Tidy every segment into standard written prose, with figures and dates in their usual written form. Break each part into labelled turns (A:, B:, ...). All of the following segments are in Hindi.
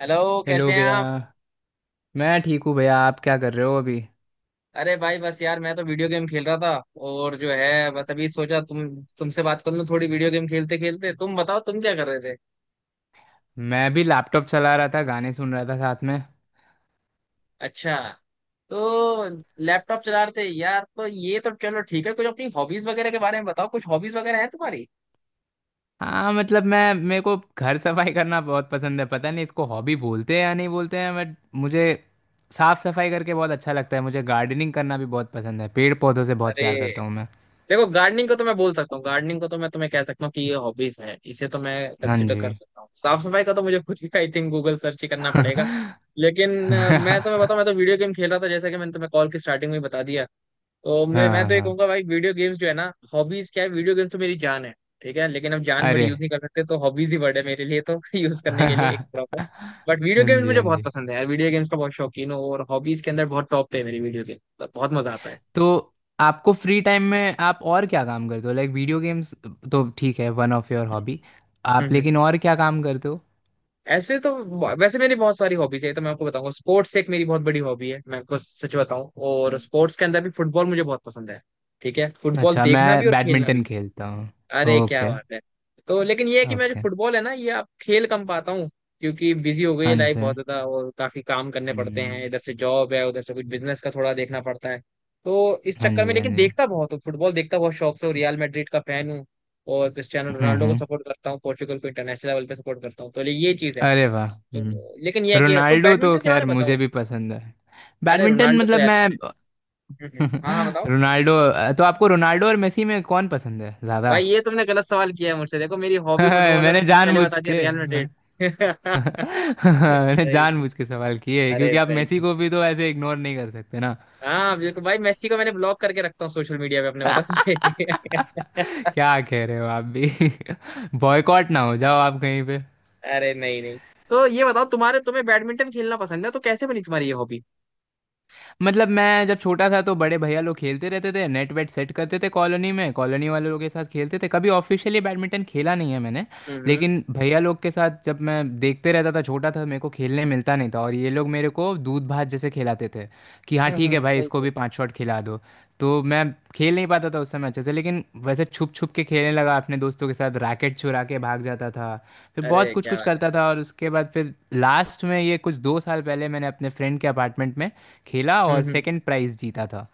A: हेलो।
B: हेलो
A: कैसे हैं
B: भैया।
A: आप?
B: मैं ठीक हूँ भैया। आप क्या कर रहे हो अभी?
A: अरे भाई, बस यार मैं तो वीडियो गेम खेल रहा था और जो है बस अभी सोचा तुमसे बात कर लूं थोड़ी वीडियो गेम खेलते खेलते। तुम बताओ तुम क्या कर रहे थे?
B: मैं भी लैपटॉप चला रहा था, गाने सुन रहा था साथ में।
A: अच्छा। तो लैपटॉप चला रहे थे यार, तो ये तो चलो ठीक है। कुछ अपनी हॉबीज वगैरह के बारे में बताओ, कुछ हॉबीज वगैरह है तुम्हारी?
B: हाँ, मतलब मैं, मेरे को घर सफाई करना बहुत पसंद है। पता नहीं इसको हॉबी बोलते हैं या नहीं बोलते हैं, बट मुझे साफ सफाई करके बहुत अच्छा लगता है। मुझे गार्डनिंग करना भी बहुत पसंद है, पेड़ पौधों से बहुत
A: अरे
B: प्यार करता हूँ मैं।
A: देखो, गार्डनिंग को तो मैं बोल सकता हूँ, गार्डनिंग को तो मैं तुम्हें कह सकता हूँ कि ये हॉबीज है, इसे तो मैं
B: हाँ
A: कंसिडर
B: जी।
A: कर सकता हूँ। साफ सफाई का तो मुझे खुद ही आई थिंक गूगल सर्च ही करना पड़ेगा। लेकिन मैं तुम्हें बताऊं,
B: हाँ
A: मैं तो वीडियो गेम खेल रहा था जैसा कि मैंने तुम्हें कॉल की स्टार्टिंग में ही बता दिया। तो मैं
B: हाँ
A: तो ये
B: हाँ।
A: कहूंगा भाई, वीडियो गेम्स जो है ना, हॉबीज क्या है, वीडियो गेम्स तो मेरी जान है। ठीक है, लेकिन अब जान वर्ड
B: अरे
A: यूज नहीं कर सकते तो हॉबीज ही वर्ड है मेरे लिए तो यूज करने के लिए एक
B: हाँ
A: प्रॉपर। बट वीडियो गेम्स
B: जी,
A: मुझे
B: हाँ
A: बहुत
B: जी।
A: पसंद है यार, वीडियो गेम्स का बहुत शौकीन हूँ और हॉबीज के अंदर बहुत टॉप पे है मेरी वीडियो गेम, बहुत मजा आता है।
B: तो आपको फ्री टाइम में आप और क्या काम करते हो, लाइक वीडियो गेम्स तो ठीक है, one of your hobby,
A: hmm
B: आप
A: हम्म।
B: लेकिन और क्या काम करते हो?
A: ऐसे तो वैसे मेरी बहुत सारी हॉबीज है तो मैं आपको बताऊंगा। स्पोर्ट्स एक मेरी बहुत बड़ी हॉबी है मैं आपको सच बताऊं, और स्पोर्ट्स के अंदर भी फुटबॉल मुझे बहुत पसंद है। ठीक है, फुटबॉल
B: अच्छा,
A: देखना भी
B: मैं
A: और खेलना
B: बैडमिंटन
A: भी।
B: खेलता हूँ।
A: अरे क्या
B: ओके।
A: बात है। तो लेकिन ये है कि मैं जो
B: ओके।
A: फुटबॉल है ना, ये अब खेल कम पाता हूँ क्योंकि बिजी हो गई है
B: हाँ
A: लाइफ बहुत
B: जी।
A: ज्यादा और काफी काम करने पड़ते हैं,
B: हम्म,
A: इधर से जॉब है उधर से कुछ बिजनेस का थोड़ा देखना पड़ता है। तो इस
B: हाँ
A: चक्कर में,
B: जी, हाँ
A: लेकिन
B: जी।
A: देखता बहुत हूँ फुटबॉल, देखता बहुत शौक से। और रियल मैड्रिड का फैन हूँ और क्रिस्टियानो रोनाल्डो को
B: हम्म।
A: सपोर्ट करता हूँ, पोर्चुगल को इंटरनेशनल लेवल पे सपोर्ट करता हूँ, तो ये चीज है।
B: अरे वाह,
A: तो लेकिन ये
B: हम्म,
A: है कि, तो
B: रोनाल्डो तो
A: बैडमिंटन के बारे
B: खैर
A: में
B: मुझे
A: बताओ।
B: भी पसंद है।
A: अरे
B: बैडमिंटन
A: रोनाल्डो तो
B: मतलब
A: याद है
B: मैं।
A: हमें। हाँ हाँ बताओ।
B: रोनाल्डो, तो आपको रोनाल्डो और मेसी में कौन पसंद है ज़्यादा?
A: भाई ये तुमने गलत सवाल किया है मुझसे, देखो मेरी हॉबी फुटबॉल है,
B: मैंने
A: मैंने पहले
B: जानबूझ
A: बता दिया,
B: के
A: रियल मैड्रिड।
B: मैंने
A: सही से,
B: जानबूझ के सवाल किए हैं,
A: अरे
B: क्योंकि आप
A: सही
B: मेसी
A: से।
B: को भी तो ऐसे इग्नोर नहीं कर सकते ना।
A: हाँ बिल्कुल भाई, मेसी को मैंने ब्लॉक करके रखता हूँ सोशल मीडिया पे अपने, बता तुम्हें।
B: क्या कह रहे हो आप भी? बॉयकॉट ना हो जाओ आप कहीं पे।
A: अरे नहीं नहीं। तो ये बताओ तुम्हारे, तुम्हें बैडमिंटन खेलना पसंद है तो कैसे बनी तुम्हारी ये हॉबी?
B: मतलब मैं जब छोटा था तो बड़े भैया लोग खेलते रहते थे, नेट वेट सेट करते थे, कॉलोनी में कॉलोनी वाले लोग के साथ खेलते थे। कभी ऑफिशियली बैडमिंटन खेला नहीं है मैंने।
A: हम्म।
B: लेकिन भैया लोग के साथ जब मैं देखते रहता था, छोटा था, मेरे को खेलने मिलता नहीं था, और ये लोग मेरे को दूध भात जैसे खिलाते थे कि हाँ ठीक है भाई,
A: सही
B: इसको
A: सही।
B: भी 5 शॉट खिला दो। तो मैं खेल नहीं पाता था उस समय अच्छे से, लेकिन वैसे छुप छुप के खेलने लगा अपने दोस्तों के साथ, रैकेट चुरा के भाग जाता था। फिर बहुत
A: अरे
B: कुछ
A: क्या
B: कुछ
A: बात है।
B: करता था, और उसके बाद फिर लास्ट में ये कुछ 2 साल पहले मैंने अपने फ्रेंड के अपार्टमेंट में खेला और
A: हम्म।
B: सेकंड प्राइज जीता था।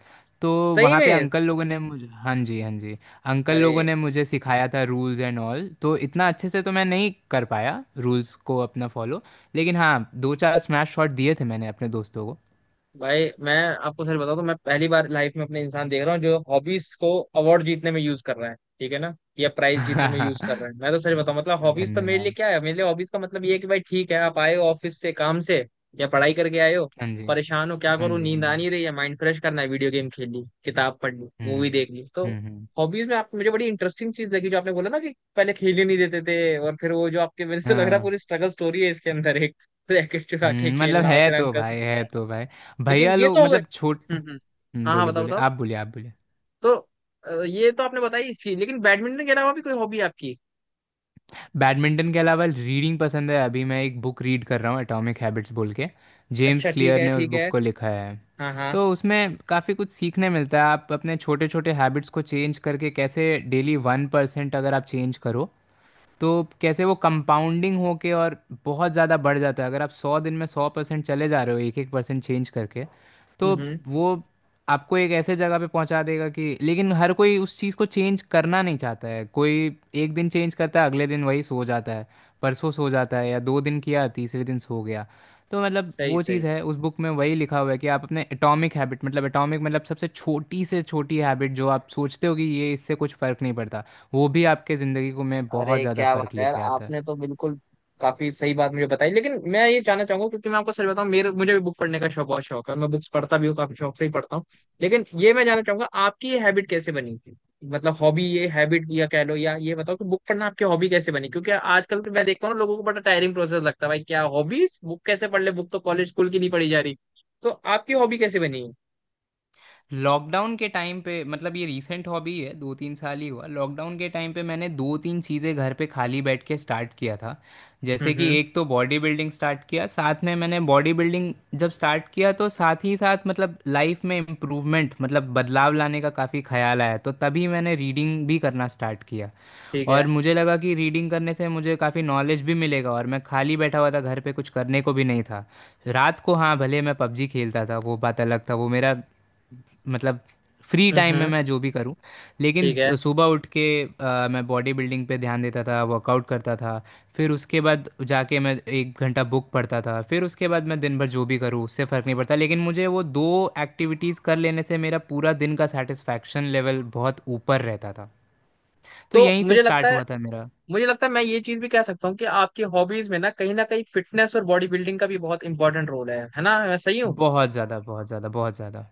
B: तो
A: सही
B: वहाँ पे
A: में?
B: अंकल लोगों ने मुझे— हाँ जी, हाँ जी। अंकल
A: अरे
B: लोगों ने मुझे सिखाया था रूल्स एंड ऑल, तो इतना अच्छे से तो मैं नहीं कर पाया रूल्स को अपना फॉलो, लेकिन हाँ, दो चार स्मैश शॉट दिए थे मैंने अपने दोस्तों को।
A: भाई, मैं आपको सच बताऊं तो मैं पहली बार लाइफ में अपने इंसान देख रहा हूँ जो हॉबीज को अवार्ड जीतने में यूज कर रहा है, ठीक है ना, या प्राइज जीतने में यूज कर रहा है। मैं तो सच बताऊं, मतलब हॉबीज तो मेरे लिए
B: धन्यवाद।
A: क्या है, मेरे लिए हॉबीज का मतलब ये है कि भाई ठीक है, आप आए हो ऑफिस से, काम से या पढ़ाई करके आए हो,
B: हाँ जी,
A: परेशान हो, क्या
B: हाँ
A: करूँ
B: जी, हाँ
A: नींद आ
B: जी।
A: नहीं रही है, माइंड फ्रेश करना है, वीडियो गेम खेल ली, किताब पढ़ ली,
B: हम्म
A: मूवी देख ली। तो
B: हम्म।
A: हॉबीज में आप मुझे बड़ी इंटरेस्टिंग चीज लगी जो आपने बोला ना कि पहले खेलने नहीं देते थे, और फिर वो जो आपके मेरे से लग रहा है
B: हाँ।
A: पूरी स्ट्रगल स्टोरी है इसके अंदर एक रैकेट चुरा के
B: मतलब
A: खेलना और
B: है
A: फिर
B: तो
A: अंकल से।
B: भाई, है तो भाई।
A: लेकिन
B: भैया
A: ये
B: लोग
A: तो हो गए।
B: मतलब छोट
A: हम्म। हाँ हाँ
B: बोले
A: बताओ
B: बोले,
A: बताओ।
B: आप बोले, आप बोले।
A: तो ये तो आपने बताई इसकी, लेकिन बैडमिंटन के अलावा भी कोई हॉबी आपकी?
B: बैडमिंटन के अलावा रीडिंग पसंद है। अभी मैं एक बुक रीड कर रहा हूँ, एटॉमिक हैबिट्स बोल के। जेम्स
A: अच्छा ठीक
B: क्लियर
A: है
B: ने उस
A: ठीक
B: बुक
A: है।
B: को लिखा है।
A: हाँ हाँ।
B: तो उसमें काफ़ी कुछ सीखने मिलता है, आप अपने छोटे छोटे हैबिट्स को चेंज करके कैसे डेली 1% अगर आप चेंज करो, तो कैसे वो कंपाउंडिंग होके और बहुत ज़्यादा बढ़ जाता है। अगर आप 100 दिन में 100% चले जा रहे हो एक एक परसेंट चेंज करके, तो
A: हम्म।
B: वो आपको एक ऐसे जगह पे पहुंचा देगा कि— लेकिन हर कोई उस चीज़ को चेंज करना नहीं चाहता है। कोई एक दिन चेंज करता है, अगले दिन वही सो जाता है, परसों सो जाता है, या दो दिन किया तीसरे दिन सो गया। तो मतलब
A: सही
B: वो चीज़
A: सही।
B: है उस बुक में, वही लिखा हुआ है कि आप अपने एटॉमिक हैबिट, मतलब एटॉमिक मतलब सबसे छोटी से छोटी हैबिट जो आप सोचते हो कि ये इससे कुछ फ़र्क नहीं पड़ता, वो भी आपके ज़िंदगी को, में बहुत
A: अरे
B: ज़्यादा
A: क्या
B: फ़र्क
A: बात है यार,
B: लेके आता है।
A: आपने तो बिल्कुल काफी सही बात मुझे बताई। लेकिन मैं ये जानना चाहूंगा, क्योंकि मैं आपको सच बताऊं मेरे मुझे भी बुक पढ़ने का शौक बहुत शौक है, मैं बुक्स पढ़ता भी हूँ काफी शौक से ही पढ़ता हूँ। लेकिन ये मैं जानना चाहूंगा आपकी ये हैबिट कैसे बनी थी, मतलब हॉबी ये हैबिट या कह लो, या ये बताओ कि बुक पढ़ना आपकी हॉबी कैसे बनी? क्योंकि आजकल तो मैं देखता हूँ ना, लोगों को बड़ा टायरिंग प्रोसेस लगता है भाई, क्या हॉबीज, बुक कैसे पढ़ ले, बुक तो कॉलेज स्कूल की नहीं पढ़ी जा रही। तो आपकी हॉबी कैसे बनी?
B: लॉकडाउन के टाइम पे, मतलब ये रीसेंट हॉबी है, दो तीन साल ही हुआ। लॉकडाउन के टाइम पे मैंने दो तीन चीज़ें घर पे खाली बैठ के स्टार्ट किया था। जैसे कि
A: हम्म।
B: एक तो बॉडी बिल्डिंग स्टार्ट किया। साथ में मैंने बॉडी बिल्डिंग जब स्टार्ट किया तो साथ ही साथ, मतलब लाइफ में इम्प्रूवमेंट, मतलब बदलाव लाने का काफ़ी ख्याल आया, तो तभी मैंने रीडिंग भी करना स्टार्ट किया।
A: ठीक
B: और
A: है।
B: मुझे लगा कि रीडिंग करने से मुझे काफ़ी नॉलेज भी मिलेगा, और मैं खाली बैठा हुआ था घर पे, कुछ करने को भी नहीं था। रात को हाँ, भले मैं पबजी खेलता था, वो बात अलग था, वो मेरा मतलब फ्री टाइम
A: हम्म।
B: में मैं जो भी करूं। लेकिन
A: ठीक है।
B: सुबह उठ के मैं बॉडी बिल्डिंग पे ध्यान देता था, वर्कआउट करता था। फिर उसके बाद जाके मैं 1 घंटा बुक पढ़ता था। फिर उसके बाद मैं दिन भर जो भी करूं उससे फ़र्क नहीं पड़ता, लेकिन मुझे वो 2 एक्टिविटीज़ कर लेने से मेरा पूरा दिन का सेटिस्फैक्शन लेवल बहुत ऊपर रहता था। तो
A: तो
B: यहीं से स्टार्ट हुआ था मेरा।
A: मुझे लगता है मैं ये चीज भी कह सकता हूँ कि आपकी हॉबीज में ना कहीं फिटनेस और बॉडी बिल्डिंग का भी बहुत इंपॉर्टेंट रोल है। है ना, मैं सही हूँ?
B: बहुत ज़्यादा, बहुत ज़्यादा, बहुत ज़्यादा।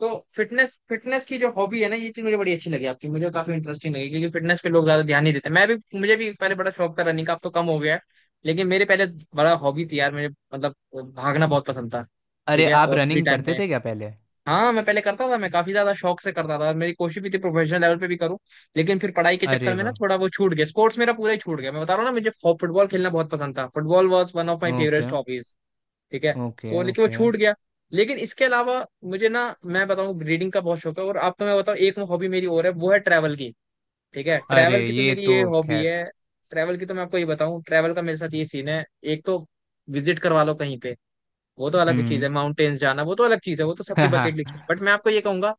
A: तो फिटनेस, फिटनेस की जो हॉबी है ना, ये चीज मुझे बड़ी अच्छी लगी आपकी, मुझे काफी इंटरेस्टिंग लगी क्योंकि फिटनेस पे लोग ज्यादा ध्यान नहीं देते। मैं भी, मुझे भी पहले बड़ा शौक था रनिंग का, अब तो कम हो गया है। लेकिन मेरे पहले बड़ा हॉबी थी यार मुझे, मतलब भागना बहुत पसंद था। ठीक
B: अरे
A: है,
B: आप
A: और फ्री
B: रनिंग
A: टाइम
B: करते
A: में
B: थे क्या पहले?
A: हाँ मैं पहले करता था, मैं काफी ज्यादा शौक से करता था, मेरी कोशिश भी थी प्रोफेशनल लेवल पे भी करूँ, लेकिन फिर पढ़ाई के चक्कर
B: अरे
A: में ना
B: वाह।
A: थोड़ा वो छूट गया, स्पोर्ट्स मेरा पूरा ही छूट गया। मैं बता रहा हूँ ना, मुझे फुटबॉल खेलना बहुत पसंद था, football was one of my
B: okay.
A: Favourite hobbies. ठीक है, तो
B: ओके।
A: लेकिन वो
B: ओके।
A: छूट गया। लेकिन इसके अलावा मुझे ना, मैं बताऊँ, रीडिंग का बहुत शौक है। और आपको मैं बताऊँ एक हॉबी मेरी और है, वो है ट्रैवल की। ठीक है, ट्रैवल
B: अरे
A: की तो
B: ये
A: मेरी
B: तो
A: ये हॉबी
B: खैर—
A: है। ट्रैवल की तो मैं आपको ये बताऊँ, ट्रैवल का मेरे साथ ये सीन है, एक तो विजिट करवा लो कहीं पे, वो तो अलग चीज
B: हम्म।
A: है। माउंटेन्स जाना वो तो अलग चीज है, वो तो सबकी
B: हाँ।
A: बकेट लिस्ट में। बट मैं आपको ये कहूंगा,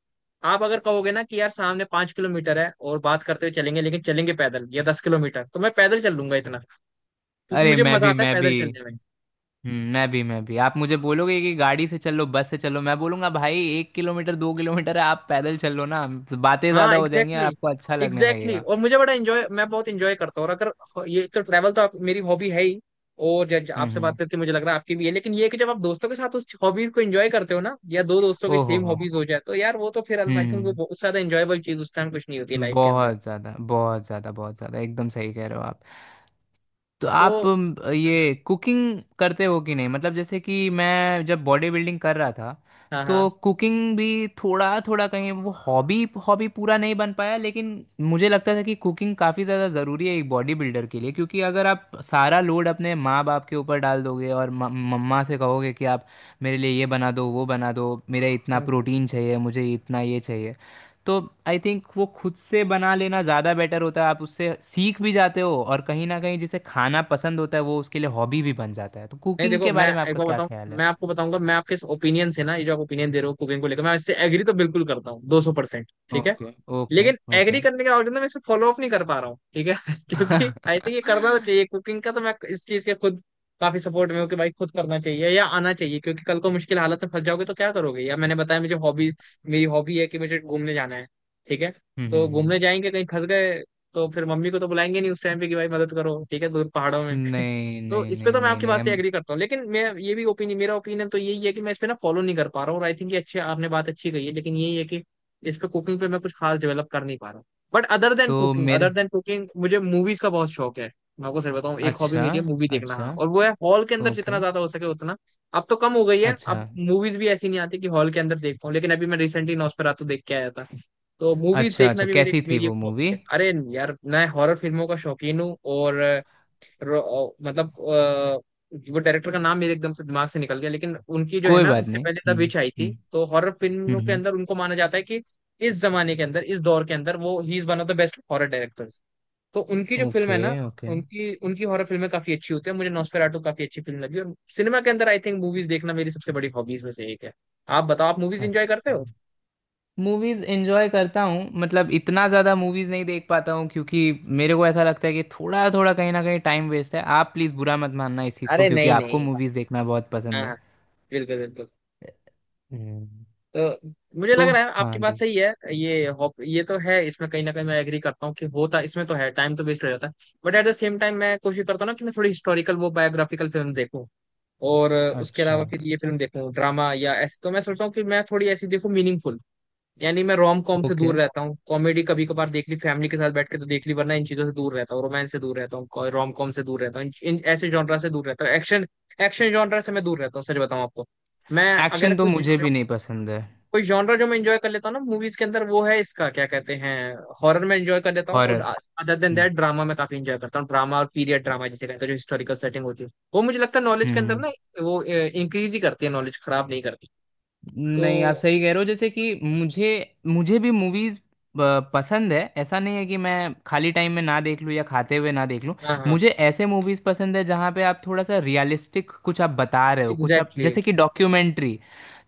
A: आप अगर कहोगे ना कि यार सामने 5 किलोमीटर है और बात करते हुए चलेंगे लेकिन चलेंगे पैदल, या 10 किलोमीटर, तो मैं पैदल चल लूंगा इतना, क्योंकि
B: अरे
A: मुझे
B: मैं
A: मजा
B: भी,
A: आता है
B: मैं
A: पैदल
B: भी।
A: चलने में।
B: मैं भी, मैं भी। आप मुझे बोलोगे कि गाड़ी से चलो, बस से चलो, मैं बोलूंगा भाई 1 किलोमीटर 2 किलोमीटर है, आप पैदल चलो ना, बातें
A: हाँ
B: ज्यादा हो जाएंगी और
A: एग्जैक्टली,
B: आपको अच्छा लगने
A: एग्जैक्टली
B: लगेगा।
A: exactly। और मुझे बड़ा इंजॉय, मैं बहुत इंजॉय करता हूँ, और अगर ये तो ट्रैवल तो आप मेरी हॉबी है ही, और जब आपसे बात
B: हम्म।
A: करके मुझे लग रहा है आपकी भी है। लेकिन ये है कि जब आप दोस्तों के साथ उस हॉबीज को एंजॉय करते हो ना, या दो दोस्तों की
B: ओहो हो
A: सेम
B: हो।
A: हॉबीज हो जाए, तो यार वो तो फिर आई थिंक वो
B: हम्म।
A: बहुत ज्यादा एंजॉयबल चीज उस टाइम कुछ नहीं होती लाइफ के अंदर।
B: बहुत ज़्यादा, बहुत ज़्यादा, बहुत ज़्यादा, एकदम सही कह रहे हो आप। तो
A: तो
B: आप
A: हम्म,
B: ये कुकिंग करते हो कि नहीं? मतलब जैसे कि मैं जब बॉडी बिल्डिंग कर रहा था,
A: हाँ
B: तो
A: हाँ।
B: कुकिंग भी थोड़ा थोड़ा, कहीं वो हॉबी हॉबी पूरा नहीं बन पाया, लेकिन मुझे लगता था कि कुकिंग काफ़ी ज़्यादा ज़रूरी है एक बॉडी बिल्डर के लिए, क्योंकि अगर आप सारा लोड अपने माँ बाप के ऊपर डाल दोगे और मम्मा से कहोगे कि आप मेरे लिए ये बना दो, वो बना दो, मेरे इतना
A: हम्म, हम्म।
B: प्रोटीन चाहिए, मुझे इतना ये चाहिए, तो आई थिंक वो खुद से बना लेना ज़्यादा बेटर होता है। आप उससे सीख भी जाते हो, और कहीं ना कहीं जिसे खाना पसंद होता है वो उसके लिए हॉबी भी बन जाता है। तो
A: नहीं
B: कुकिंग
A: देखो
B: के
A: मैं
B: बारे में
A: एक
B: आपका
A: बार
B: क्या
A: बताऊं,
B: ख्याल है?
A: मैं आपको बताऊंगा मैं आपके इस ओपिनियन से ना, ये जो आप ओपिनियन दे रहे हो कुकिंग को लेकर, मैं इससे एग्री तो बिल्कुल करता हूँ 200%, ठीक है।
B: ओके। ओके।
A: लेकिन एग्री
B: ओके।
A: करने के बावजूद ना मैं इसे फॉलो अप नहीं कर पा रहा हूँ, ठीक है क्योंकि
B: हम्म
A: आई थिंक ये करना तो चाहिए कुकिंग का, तो मैं इस चीज के खुद काफी सपोर्ट में हूँ कि भाई खुद करना चाहिए या आना चाहिए, क्योंकि कल को मुश्किल हालत में फंस जाओगे तो क्या करोगे? या मैंने बताया मुझे हॉबी, मेरी हॉबी है कि मुझे घूमने जाना है, ठीक है,
B: हम्म।
A: तो
B: हम्म।
A: घूमने जाएंगे कहीं फंस गए, तो फिर मम्मी को तो बुलाएंगे नहीं उस टाइम पे कि भाई मदद करो, ठीक है, दूर पहाड़ों में।
B: नहीं
A: तो
B: नहीं
A: इस पे
B: नहीं
A: तो मैं
B: नहीं
A: आपकी
B: नहीं,
A: बात से
B: हम—
A: एग्री करता हूँ, लेकिन मैं ये भी ओपिनियन, मेरा ओपिनियन तो यही है कि मैं इस पे ना फॉलो नहीं कर पा रहा हूँ, और आई थिंक ये अच्छी आपने बात अच्छी कही है, लेकिन यही है कि इस पे कुकिंग पे मैं कुछ खास डेवलप कर नहीं पा रहा। बट अदर देन
B: तो
A: कुकिंग,
B: मेरे—
A: अदर देन कुकिंग, मुझे मूवीज का बहुत शौक है। मैं आपको सर बताऊँ एक हॉबी
B: अच्छा।
A: मेरी है मूवी देखना,
B: अच्छा।
A: हाँ, और वो है हॉल के अंदर जितना
B: ओके।
A: ज्यादा हो सके उतना। अब तो कम हो गई है,
B: अच्छा।
A: अब मूवीज भी ऐसी नहीं आती कि हॉल के अंदर देख पाऊँ, लेकिन अभी मैं रिसेंटली नॉस्फेरातु देख के आया था। तो मूवीज
B: अच्छा।
A: देखना
B: अच्छा,
A: भी मेरी
B: कैसी थी
A: मेरी एक
B: वो
A: हॉबी
B: मूवी?
A: है। अरे यार, मैं हॉरर फिल्मों का शौकीन हूँ, और मतलब वो डायरेक्टर का नाम मेरे एकदम से दिमाग से निकल गया, लेकिन उनकी जो है
B: कोई
A: ना
B: बात
A: इससे
B: नहीं।
A: पहले द
B: हम्म।
A: विच आई थी,
B: हम्म
A: तो हॉरर
B: हम्म।
A: फिल्मों के
B: हम्म
A: अंदर उनको माना जाता है कि इस जमाने के अंदर, इस दौर के अंदर, वो ही is one of the best horror directors. तो उनकी जो फिल्म है
B: ओके।
A: ना,
B: ओके।
A: उनकी उनकी हॉरर फिल्में काफी अच्छी होती है, मुझे नॉस्फेराटू काफी अच्छी फिल्म लगी। और सिनेमा के अंदर आई थिंक मूवीज देखना मेरी सबसे बड़ी हॉबीज में से एक है। आप बताओ, आप मूवीज एंजॉय करते
B: अच्छा।
A: हो?
B: मूवीज एंजॉय करता हूँ, मतलब इतना ज़्यादा मूवीज नहीं देख पाता हूँ, क्योंकि मेरे को ऐसा लगता है कि थोड़ा थोड़ा कहीं ना कहीं टाइम वेस्ट है। आप प्लीज़ बुरा मत मानना इस चीज़ को,
A: अरे
B: क्योंकि
A: नहीं
B: आपको
A: नहीं।
B: मूवीज देखना बहुत पसंद है।
A: हाँ बिल्कुल बिल्कुल।
B: हम्म।
A: तो मुझे लग
B: तो
A: रहा है
B: हाँ
A: आपकी बात
B: जी।
A: सही है, ये तो है, इसमें कहीं ना कहीं मैं एग्री करता हूँ कि होता इसमें तो है, टाइम तो वेस्ट हो जाता है। But at the same time मैं कोशिश करता हूँ ना कि मैं थोड़ी हिस्टोरिकल वो बायोग्राफिकल फिल्म देखूँ, और उसके
B: अच्छा।
A: अलावा फिर ये फिल्म देखूँ ड्रामा, या ऐसे तो मैं सोचता हूँ कि मैं थोड़ी ऐसी देखूँ मीनिंगफुल। यानी मैं रोम कॉम से
B: ओके।
A: दूर रहता हूँ, कॉमेडी कभी कभार देख ली फैमिली के साथ बैठ के तो देख ली, वरना इन चीजों से दूर रहता हूँ, रोमांस से दूर रहता हूँ, रोम कॉम से दूर रहता हूँ, इन ऐसे जॉनरा से दूर रहता हूँ। एक्शन, एक्शन जॉनरा से मैं दूर रहता हूँ, सच बताऊँ आपको। मैं अगर
B: एक्शन तो
A: कुछ,
B: मुझे भी नहीं पसंद है।
A: कोई जॉनरा जो मैं एंजॉय कर लेता हूँ ना मूवीज के अंदर, वो है इसका क्या कहते हैं, हॉरर में एंजॉय कर लेता हूँ, और
B: horror.
A: Other than
B: hmm
A: that drama में काफी एंजॉय करता हूँ। ड्रामा और पीरियड ड्रामा जिसे कहते हैं, जो हिस्टोरिकल सेटिंग होती है, वो मुझे लगता है नॉलेज
B: हम्म
A: के अंदर
B: हम्म।
A: ना वो इंक्रीज ही करती है, नॉलेज खराब नहीं करती।
B: नहीं, आप
A: तो
B: सही कह रहे हो। जैसे कि मुझे, मुझे भी मूवीज पसंद है, ऐसा नहीं है कि मैं खाली टाइम में ना देख लूँ या खाते हुए ना देख लूँ।
A: हाँ हाँ
B: मुझे ऐसे मूवीज पसंद है जहाँ पे आप थोड़ा सा रियलिस्टिक कुछ आप बता रहे हो, कुछ आप
A: एग्जैक्टली
B: जैसे कि डॉक्यूमेंट्री।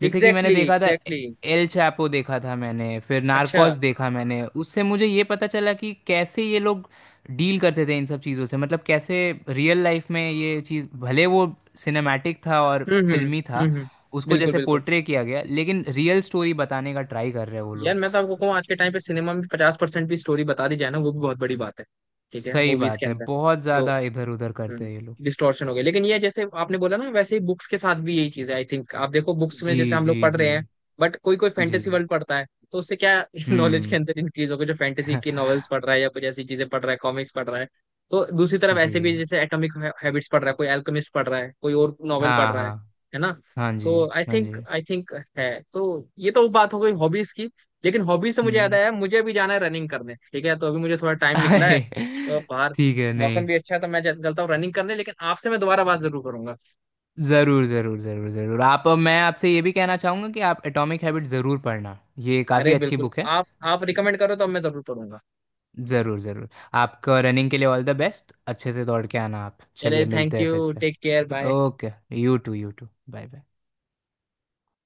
B: जैसे कि मैंने
A: एग्जैक्टली
B: देखा था,
A: एग्जैक्टली।
B: एल चैपो देखा था मैंने, फिर
A: अच्छा,
B: नार्कोस देखा मैंने। उससे मुझे ये पता चला कि कैसे ये लोग डील करते थे इन सब चीज़ों से। मतलब कैसे रियल लाइफ में ये चीज़, भले वो सिनेमैटिक था और
A: हम्म,
B: फिल्मी था,
A: हम्म।
B: उसको
A: बिल्कुल
B: जैसे
A: बिल्कुल।
B: पोर्ट्रे किया गया, लेकिन रियल स्टोरी बताने का ट्राई कर रहे हैं वो
A: यार
B: लोग।
A: मैं तो आपको कहूँ आज के टाइम पे सिनेमा में 50% भी स्टोरी बता दी जाए ना, वो भी बहुत बड़ी बात है। ठीक है,
B: सही
A: मूवीज के
B: बात है,
A: अंदर
B: बहुत
A: जो
B: ज़्यादा इधर उधर करते हैं ये लोग।
A: डिस्टॉर्शन हो गया, लेकिन ये जैसे आपने बोला ना, वैसे ही बुक्स के साथ भी यही चीज है आई थिंक। आप देखो बुक्स में
B: जी
A: जैसे हम
B: जी
A: लोग पढ़
B: जी।
A: रहे हैं, बट कोई कोई
B: जी।
A: फैंटेसी वर्ल्ड पढ़ता है, तो उससे क्या नॉलेज के
B: हम्म।
A: अंदर इंक्रीज होगा जो फैंटेसी की नॉवेल्स पढ़ रहा है या कुछ ऐसी चीजें पढ़ रहा है, कॉमिक्स पढ़ रहा है। तो दूसरी तरफ
B: जी।
A: ऐसे भी जैसे एटॉमिक हैबिट्स पढ़ रहा है कोई, एल्केमिस्ट पढ़ रहा है कोई, और नॉवेल पढ़
B: हाँ
A: रहा है।
B: हाँ।
A: है ना?
B: हाँ
A: तो
B: जी।
A: आई
B: हाँ
A: थिंक,
B: जी।
A: आई थिंक है तो, ये तो बात हो गई हॉबीज की। लेकिन हॉबीज से मुझे याद
B: हम्म।
A: आया, मुझे अभी जाना है रनिंग करने, ठीक है, तो अभी मुझे थोड़ा टाइम निकला है,
B: अरे
A: तो बाहर
B: ठीक है, नहीं—
A: मौसम भी अच्छा है तो मैं चलता हूँ रनिंग करने। लेकिन आपसे मैं दोबारा बात जरूर करूंगा।
B: ज़रूर ज़रूर ज़रूर ज़रूर। आप— मैं आपसे ये भी कहना चाहूँगा कि आप एटॉमिक हैबिट ज़रूर पढ़ना, ये
A: अरे
B: काफ़ी अच्छी
A: बिल्कुल।
B: बुक है।
A: आप रिकमेंड करो तो मैं जरूर करूंगा।
B: ज़रूर ज़रूर। आपका रनिंग के लिए ऑल द बेस्ट। अच्छे से दौड़ के आना आप,
A: चले
B: चलिए
A: थैंक
B: मिलते हैं फिर
A: यू
B: से।
A: Take care bye.
B: Okay. You too, you too, bye bye.